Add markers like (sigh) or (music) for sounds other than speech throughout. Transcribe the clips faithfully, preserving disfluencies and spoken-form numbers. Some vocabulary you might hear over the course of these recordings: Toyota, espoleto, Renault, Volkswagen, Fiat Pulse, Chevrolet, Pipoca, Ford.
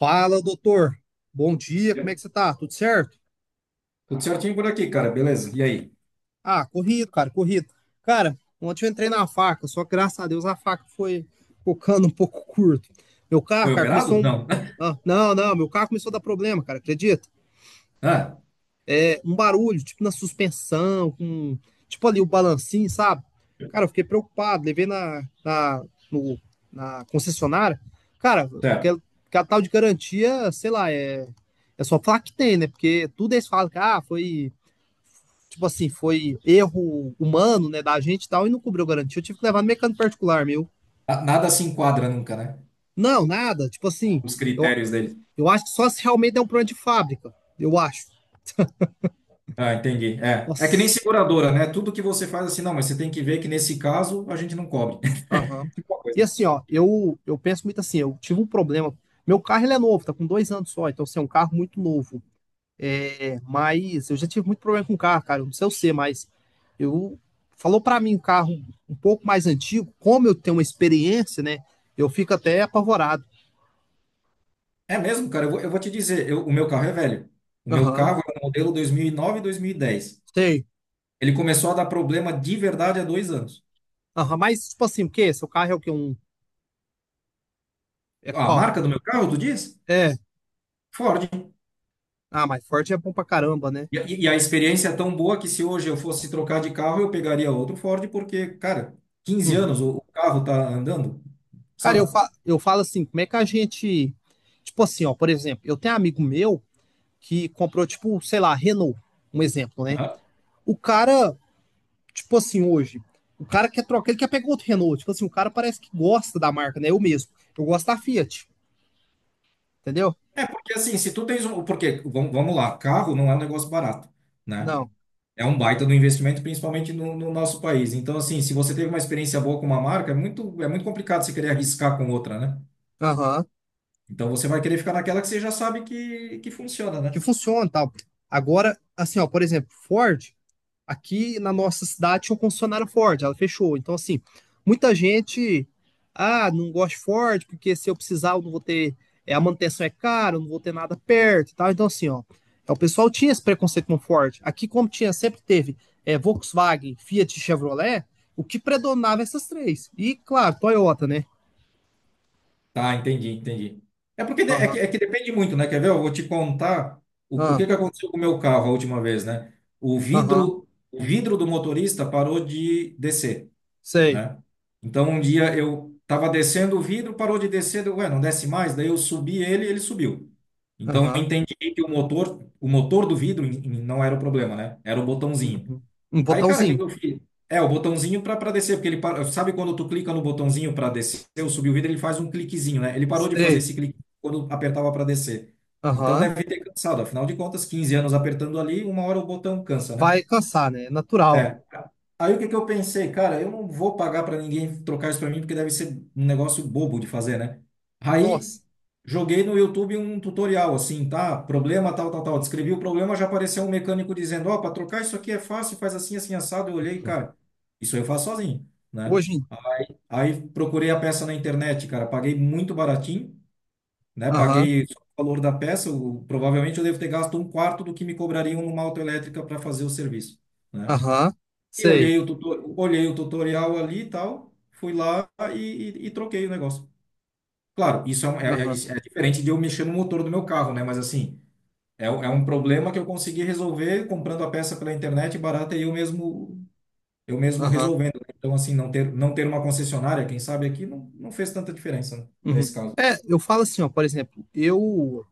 Fala, doutor. Bom dia, como é que você tá? Tudo certo? Tudo certinho por aqui, cara, beleza. E aí? Ah, corrido, cara, corrido. Cara, ontem eu entrei na faca, só que graças a Deus a faca foi focando um pouco curto. Meu carro, Foi cara, operado? começou um. Não. (laughs) Ah, não, não, meu carro começou a dar problema, cara, acredita? Ah, É, um barulho, tipo na suspensão, com. Tipo ali o balancinho, sabe? Cara, eu fiquei preocupado, levei na, na, no- na concessionária. Cara, certo. aquela, aquela tal de garantia, sei lá, é. É só falar que tem, né? Porque tudo eles falam que ah, foi tipo assim, foi erro humano, né, da gente e tal, e não cobriu garantia. Eu tive que levar no mecânico particular meu. Ah, nada se enquadra nunca, né? Não, nada. Tipo assim, Os eu, critérios dele. eu acho que só se realmente é um problema de fábrica. Eu acho. Ah, entendi. É. É que nem Nossa. seguradora, né? Tudo que você faz assim, não, mas você tem que ver que nesse caso a gente não cobre. Aham. (laughs) Uma E coisa. assim, ó, eu, eu penso muito assim, eu tive um problema. Meu carro ele é novo, tá com dois anos só, então assim, é um carro muito novo. É, mas eu já tive muito problema com o carro, cara. Eu não sei o ser, mas eu falou pra mim um carro um pouco mais antigo, como eu tenho uma experiência, né? Eu fico até apavorado. É mesmo, cara, eu vou, eu vou te dizer, eu- o meu carro é velho. O meu Aham. carro é um modelo dois mil e nove e dois mil e dez. Sei. Ele começou a dar problema de verdade há dois anos. Aham, mas, tipo assim, o quê? Seu carro é o quê? Um... É A qual? marca do meu carro, tu diz? É. Ford. Ah, mas Ford é bom pra caramba, né? E, e e a experiência é tão boa que, se hoje eu fosse trocar de carro, eu pegaria outro Ford, porque, cara, quinze anos Uhum. o, o carro tá andando, Cara, eu, sabe? fa... eu falo assim, como é que a gente. Tipo assim, ó, por exemplo, eu tenho um amigo meu que comprou, tipo, sei lá, Renault, um exemplo, né? Aham. O cara, tipo assim, hoje, o cara quer trocar, ele quer pegar outro Renault. Tipo assim, o cara parece que gosta da marca, né? Eu mesmo. Eu gosto da Fiat, entendeu? Porque assim, se tu tens um. Porque, vamos, vamos lá, carro não é um negócio barato, né? Não. É um baita do investimento, principalmente no, no nosso país. Então, assim, se você teve uma experiência boa com uma marca, é muito, é muito complicado você querer arriscar com outra, né? Aham. Então, você vai querer ficar naquela que você já sabe que, que funciona, Que né? funciona e tal. Agora, assim, ó, por exemplo, Ford. Aqui na nossa cidade tinha um concessionário Ford, ela fechou. Então, assim, muita gente, ah, não gosto de Ford, porque se eu precisar, eu não vou ter, é, a manutenção é cara, eu não vou ter nada perto e tal. Então, assim, ó, é, o pessoal tinha esse preconceito com Ford. Aqui, como tinha, sempre teve é, Volkswagen, Fiat e Chevrolet, o que predominava essas três. E, claro, Toyota, né? Tá, entendi, entendi. É porque de- é que, Aham, é que depende muito, né? Quer ver? Eu vou te contar o, o que aham, que aconteceu com o meu carro a última vez, né? O aham, vidro, o vidro do motorista parou de descer, sei, né? Então um dia eu tava descendo o vidro, parou de descer, deu, ué, não desce mais, daí eu subi ele, ele subiu. Então eu aham, entendi que o motor, o motor do vidro em- em- não era o problema, né? Era o botãozinho. uhum. Um Aí, cara, o que botãozinho, que eu fiz? É, o botãozinho para para descer, porque ele para- sabe quando tu clica no botãozinho para descer ou subir o vidro, ele faz um cliquezinho, né? Ele parou de fazer sei, esse clique quando apertava para descer. Então aham. deve ter cansado, afinal de contas, quinze anos apertando ali, uma hora o botão cansa, né? Vai cansar, né? É natural. É. Aí o que que eu pensei, cara, eu não vou pagar para ninguém trocar isso para mim porque deve ser um negócio bobo de fazer, né? Aí Nossa. joguei no YouTube um tutorial assim, tá? Problema tal, tal, tal. Descrevi o problema, já apareceu um mecânico dizendo, ó, para trocar isso aqui é fácil, faz assim, assim, assado. Eu olhei, cara, isso eu faço sozinho, né? Hoje em... Aí procurei a peça na internet, cara, paguei muito baratinho, né? Aham, Paguei só o valor da peça, o- provavelmente eu devo ter gasto um quarto do que me cobrariam numa autoelétrica para fazer o serviço. Né? aham, E sei. olhei o tuto- olhei o tutorial ali e tal, fui lá e, e- e troquei o negócio. Claro, isso é, um- é- é- Aham, isso é diferente de eu mexer no motor do meu carro, né? Mas assim, é, um- é um problema que eu consegui resolver comprando a peça pela internet barata e eu mesmo, eu mesmo aham. resolvendo. Né? Então, assim, não ter, não ter uma concessionária, quem sabe aqui, não, não fez tanta diferença, né? Uhum. Nesse caso. É, eu falo assim, ó, por exemplo, eu...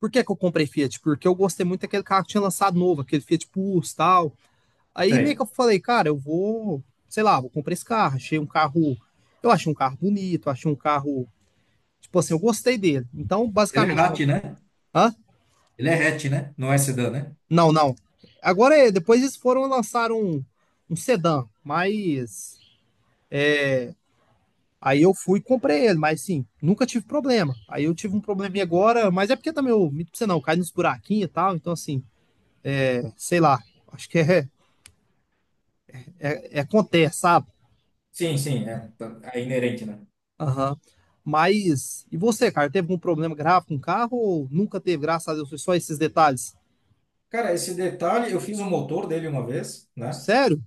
Por que que eu comprei Fiat? Porque eu gostei muito daquele carro que tinha lançado novo, aquele Fiat Pulse tal. Aí meio que Sei. eu falei, cara, eu vou, sei lá, vou comprar esse carro. Achei um carro... Eu achei um carro bonito, achei um carro... Tipo assim, eu gostei dele. Então, Ele é basicamente... Com... hatch, né? Hã? Ele é hatch, né? Não é sedã, né? Não, não. Agora, é, depois eles foram lançar um, um sedã, mas... Aí eu fui e comprei ele, mas sim, nunca tive problema. Aí eu tive um probleminha agora, mas é porque também eu, minto pra você não, cai nos buraquinhos e tal, então assim, é, sei lá, acho que é, é, é acontece, sabe? Sim, sim, é, tá- é inerente, né? Aham. Mas, e você, cara, teve algum problema grave com o carro ou nunca teve, graças a Deus, foi só esses detalhes? Cara, esse detalhe, eu fiz o motor dele uma vez, né? Sério?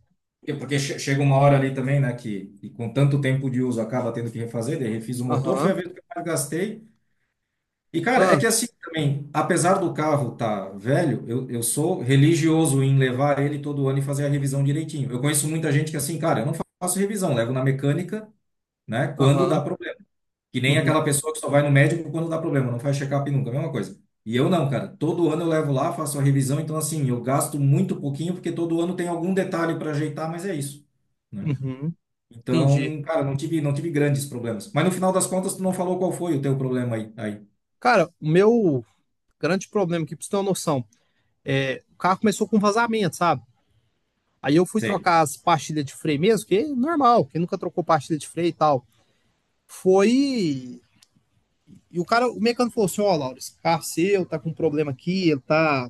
É. Porque che- chega uma hora ali também, né, que, que com tanto tempo de uso acaba tendo que refazer, daí refiz o motor, foi a Aham, vez que eu mais gastei. E, cara, é ah, que assim também, apesar do carro tá velho, eu, eu sou religioso em levar ele todo ano e fazer a revisão direitinho. Eu conheço muita gente que assim, cara, eu não faço revisão, levo na mecânica, né, quando dá aham, problema. Que nem uhum, aquela pessoa que só vai no médico quando dá problema, não faz check-up nunca, a mesma coisa. E eu não, cara, todo ano eu levo lá, faço a revisão, então assim, eu gasto muito pouquinho, porque todo ano tem algum detalhe para ajeitar, mas é isso, né? uhum, entendi. Então, cara, não tive, não tive grandes problemas. Mas no final das contas, tu não falou qual foi o teu problema aí. aí. Cara, o meu grande problema aqui, pra você ter uma noção, é, o carro começou com vazamento, sabe? Aí eu fui Sei. trocar as pastilhas de freio mesmo, que é normal, quem nunca trocou pastilha de freio e tal. Foi. E o cara, o mecânico falou assim: Ó, Laura, esse carro seu tá com um problema aqui, ele tá,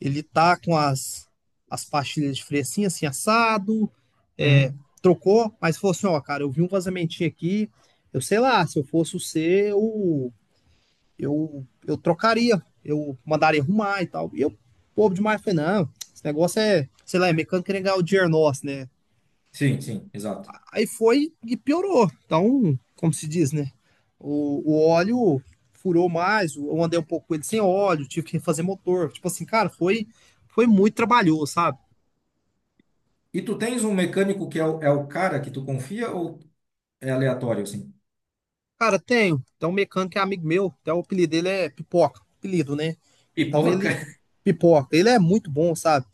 ele tá com as, as pastilhas de freio assim, assim, assado. É, Uhum. trocou, mas falou assim: Ó, cara, eu vi um vazamentinho aqui. Eu sei lá, se eu fosse o C, eu, eu, eu trocaria, eu mandaria arrumar e tal. E eu, povo demais, falei: Não, esse negócio é, sei lá, é mecânico querendo ganhar o dinheiro nosso, né? Sim, sim, exato. Aí foi e piorou. Então, como se diz, né? O, o óleo furou mais, eu andei um pouco com ele sem óleo, tive que refazer motor. Tipo assim, cara, foi, foi muito trabalhoso, sabe? E tu tens um mecânico que é o, é o cara que tu confia ou é aleatório, assim? Cara, tenho. Então, um mecânico é amigo meu, até o apelido dele é Pipoca, apelido, né? Então, Pipoca. ele, (laughs) Pipoca, ele é muito bom, sabe?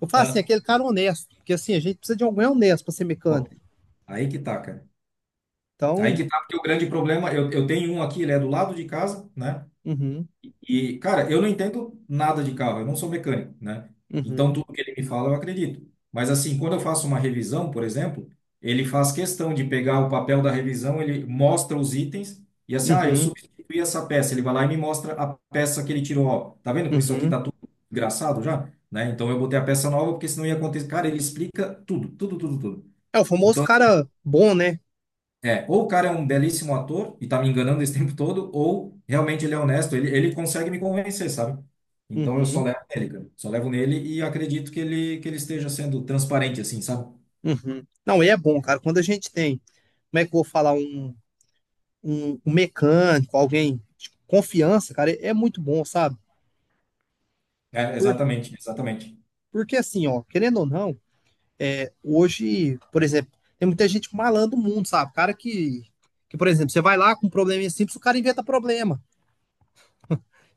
Eu falo assim, Ah, aquele cara honesto, porque assim, a gente precisa de alguém honesto pra ser pô, mecânico. aí que tá, cara. Aí Então, que tá, porque o grande problema, eu, eu tenho um aqui, ele é do lado de casa, né? uhum, E, cara, eu não entendo nada de carro, eu não sou mecânico, né? Então, uhum, tudo que ele me fala, eu acredito. Mas, assim, quando eu faço uma revisão, por exemplo, ele faz questão de pegar o papel da revisão, ele mostra os itens e, assim, ah, eu uhum, substituí essa peça. Ele vai lá e me mostra a peça que ele tirou. Ó, tá vendo como isso aqui uhum. tá tudo engraçado já? Né? Então, eu botei a peça nova porque senão ia acontecer. Cara, ele explica tudo, tudo, tudo, tudo. É o famoso Então, assim, cara bom, né? é, ou o cara é um belíssimo ator e tá me enganando esse (laughs) tempo todo, ou realmente ele é honesto, ele, ele consegue me convencer, sabe? Então eu só Uhum. levo nele, cara. Só levo nele e acredito que ele, que ele esteja sendo transparente, assim, sabe? Uhum. Não, e é bom, cara. Quando a gente tem, como é que eu vou falar, um, um, um mecânico, alguém de confiança, cara, é é muito bom, sabe? É, Por, exatamente, exatamente. Porque assim, ó, querendo ou não, hoje, por exemplo, tem muita gente malandro no mundo, sabe? Cara que, que, por exemplo, você vai lá com um probleminha simples, o cara inventa problema.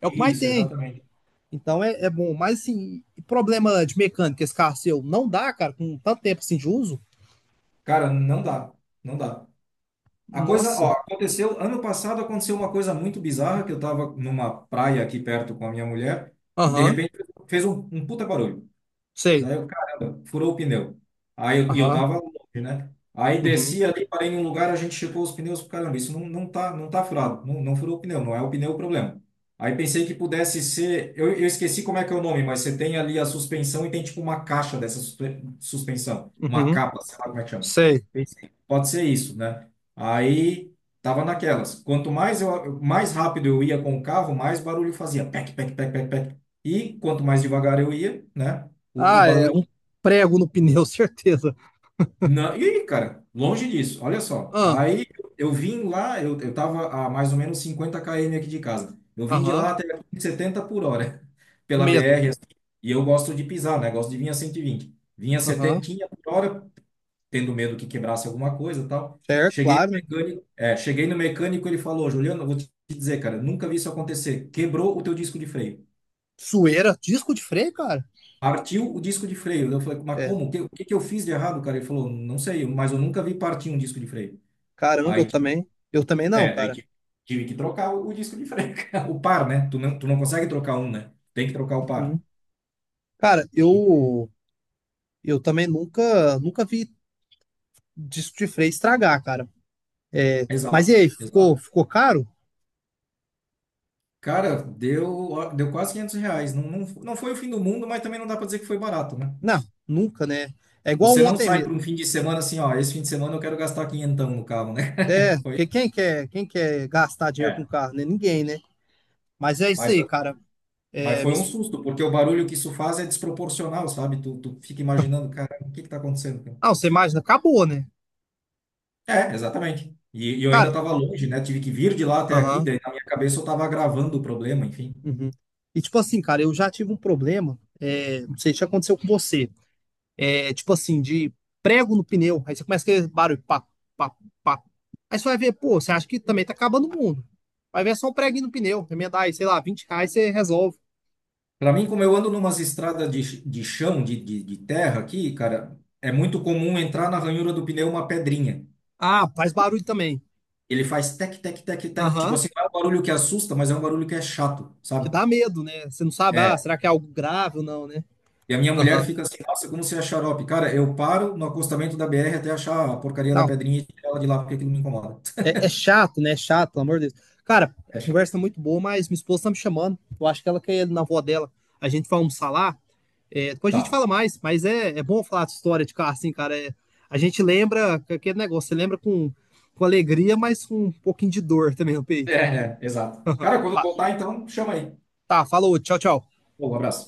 É o que mais Isso, tem. exatamente. Então é, é bom. Mas assim, e problema de mecânica, esse carro seu, não dá, cara, com tanto tempo assim de uso? Cara, não dá, não dá. A coisa, ó, Nossa. aconteceu, ano passado aconteceu uma coisa muito bizarra, que eu tava numa praia aqui perto com a minha mulher, e de Aham, repente fez um, um puta barulho. sei. Daí eu, caramba, furou o pneu. Aí eu, e eu Aham, tava longe, né? Aí uhum, desci ali, parei num lugar, a gente checou os pneus, caramba, isso não, não tá, não tá furado, não, não furou o pneu, não é o pneu o problema. Aí pensei que pudesse ser, eu, eu esqueci como é que é o nome, mas você tem ali a suspensão e tem tipo uma caixa dessa suspe- suspensão, uma uhum, capa, sei lá como é que chama. sei. Pensei, pode ser isso, né? Aí tava naquelas. Quanto mais eu, mais rápido eu ia com o carro, mais barulho fazia, pec, pec, pec, pec, pec. E quanto mais devagar eu ia, né? O, o Ah, é barulho. um prego no pneu, (laughs) certeza. Não, e aí, cara, longe disso, olha só. Ah, Aí eu vim lá, eu, eu tava a mais ou menos cinquenta quilômetros aqui de casa. Eu vim de aham, lá até aqui em setenta por hora, (laughs) o pela medo. B R, assim. E eu gosto de pisar, né? Gosto de vir a cento e vinte. Vinha setenta Aham, por hora, tendo medo que quebrasse alguma coisa e tal. certo, Cheguei no claro, né? mecânico, é, cheguei no mecânico, ele falou, Juliano, eu vou te dizer, cara, nunca vi isso acontecer. Quebrou o teu disco de freio. Sueira, disco de freio, cara. Partiu o disco de freio. Eu falei, mas É, como? O que, o que que eu fiz de errado, cara? Ele falou, não sei, mas eu nunca vi partir um disco de freio. caramba, eu Aí, tive- também. Eu também não, é, daí cara. tive, tive que trocar o, o disco de freio, (laughs) cara. O par, né? Tu não, tu não consegue trocar um, né? Tem que trocar o par. Uhum. Cara, eu eu também nunca nunca vi disco de freio estragar, cara. É, mas e Exato, aí, ficou exato. ficou caro? Cara, deu, ó, deu quase quinhentos reais. Não, não, não foi o fim do mundo, mas também não dá pra dizer que foi barato, né? Não, nunca, né? É igual Você não ontem sai para mesmo. um fim de semana assim, ó, esse fim de semana eu quero gastar quinhentão no carro, É, né? (laughs) Foi, que quem quer quem quer gastar dinheiro com é. carro, né? Ninguém, né? Mas é isso Mas aí, cara. Mas É, me... foi um susto, porque o barulho que isso faz é desproporcional, sabe? Tu, tu fica imaginando, cara, o que que tá acontecendo, cara? Ah, você imagina, acabou, né? É, exatamente. E, e eu ainda Cara, estava longe, né? Tive que vir de lá até aqui, aham. daí na minha cabeça eu estava agravando o problema, enfim. Uhum. E tipo assim, cara, eu já tive um problema, é, não sei se já aconteceu com você, é tipo assim, de prego no pneu, aí você começa aquele barulho, pá, pá, pá. Aí você vai ver, pô, você acha que também tá acabando o mundo. Vai ver é só um preguinho no pneu, remendar aí, sei lá, vinte reais você resolve. Para mim, como eu ando numas estradas de, ch- de chão, de, de, de terra aqui, cara, é muito comum entrar na ranhura do pneu uma pedrinha. Ah, faz barulho também. Ele faz tec, tec, tec, tec. Tipo Aham, assim, não é um barulho que assusta, mas é um barulho que é chato, que sabe? dá medo, né? Você não sabe, ah, É. será que é algo grave ou não, né? E a minha mulher Aham. fica assim, nossa, como você é xarope. Cara, eu paro no acostamento da B R até achar a porcaria da Não, pedrinha e tirar ela de lá, porque aquilo me incomoda. é, (laughs) é chato, né? É chato, pelo amor de Deus. Cara, a É chato. conversa é muito boa, mas minha esposa tá me chamando, eu acho que ela quer ir na avó dela. A gente vai almoçar lá. É, depois a gente Tá. fala mais, mas é, é bom falar de história de carro, assim, cara. É, a gente lembra aquele negócio, você lembra com, com alegria, mas com um pouquinho de dor também no É, peito. é, exato. Cara, quando voltar, então, chama aí. Tá, falou, tchau, tchau. Pô, um abraço.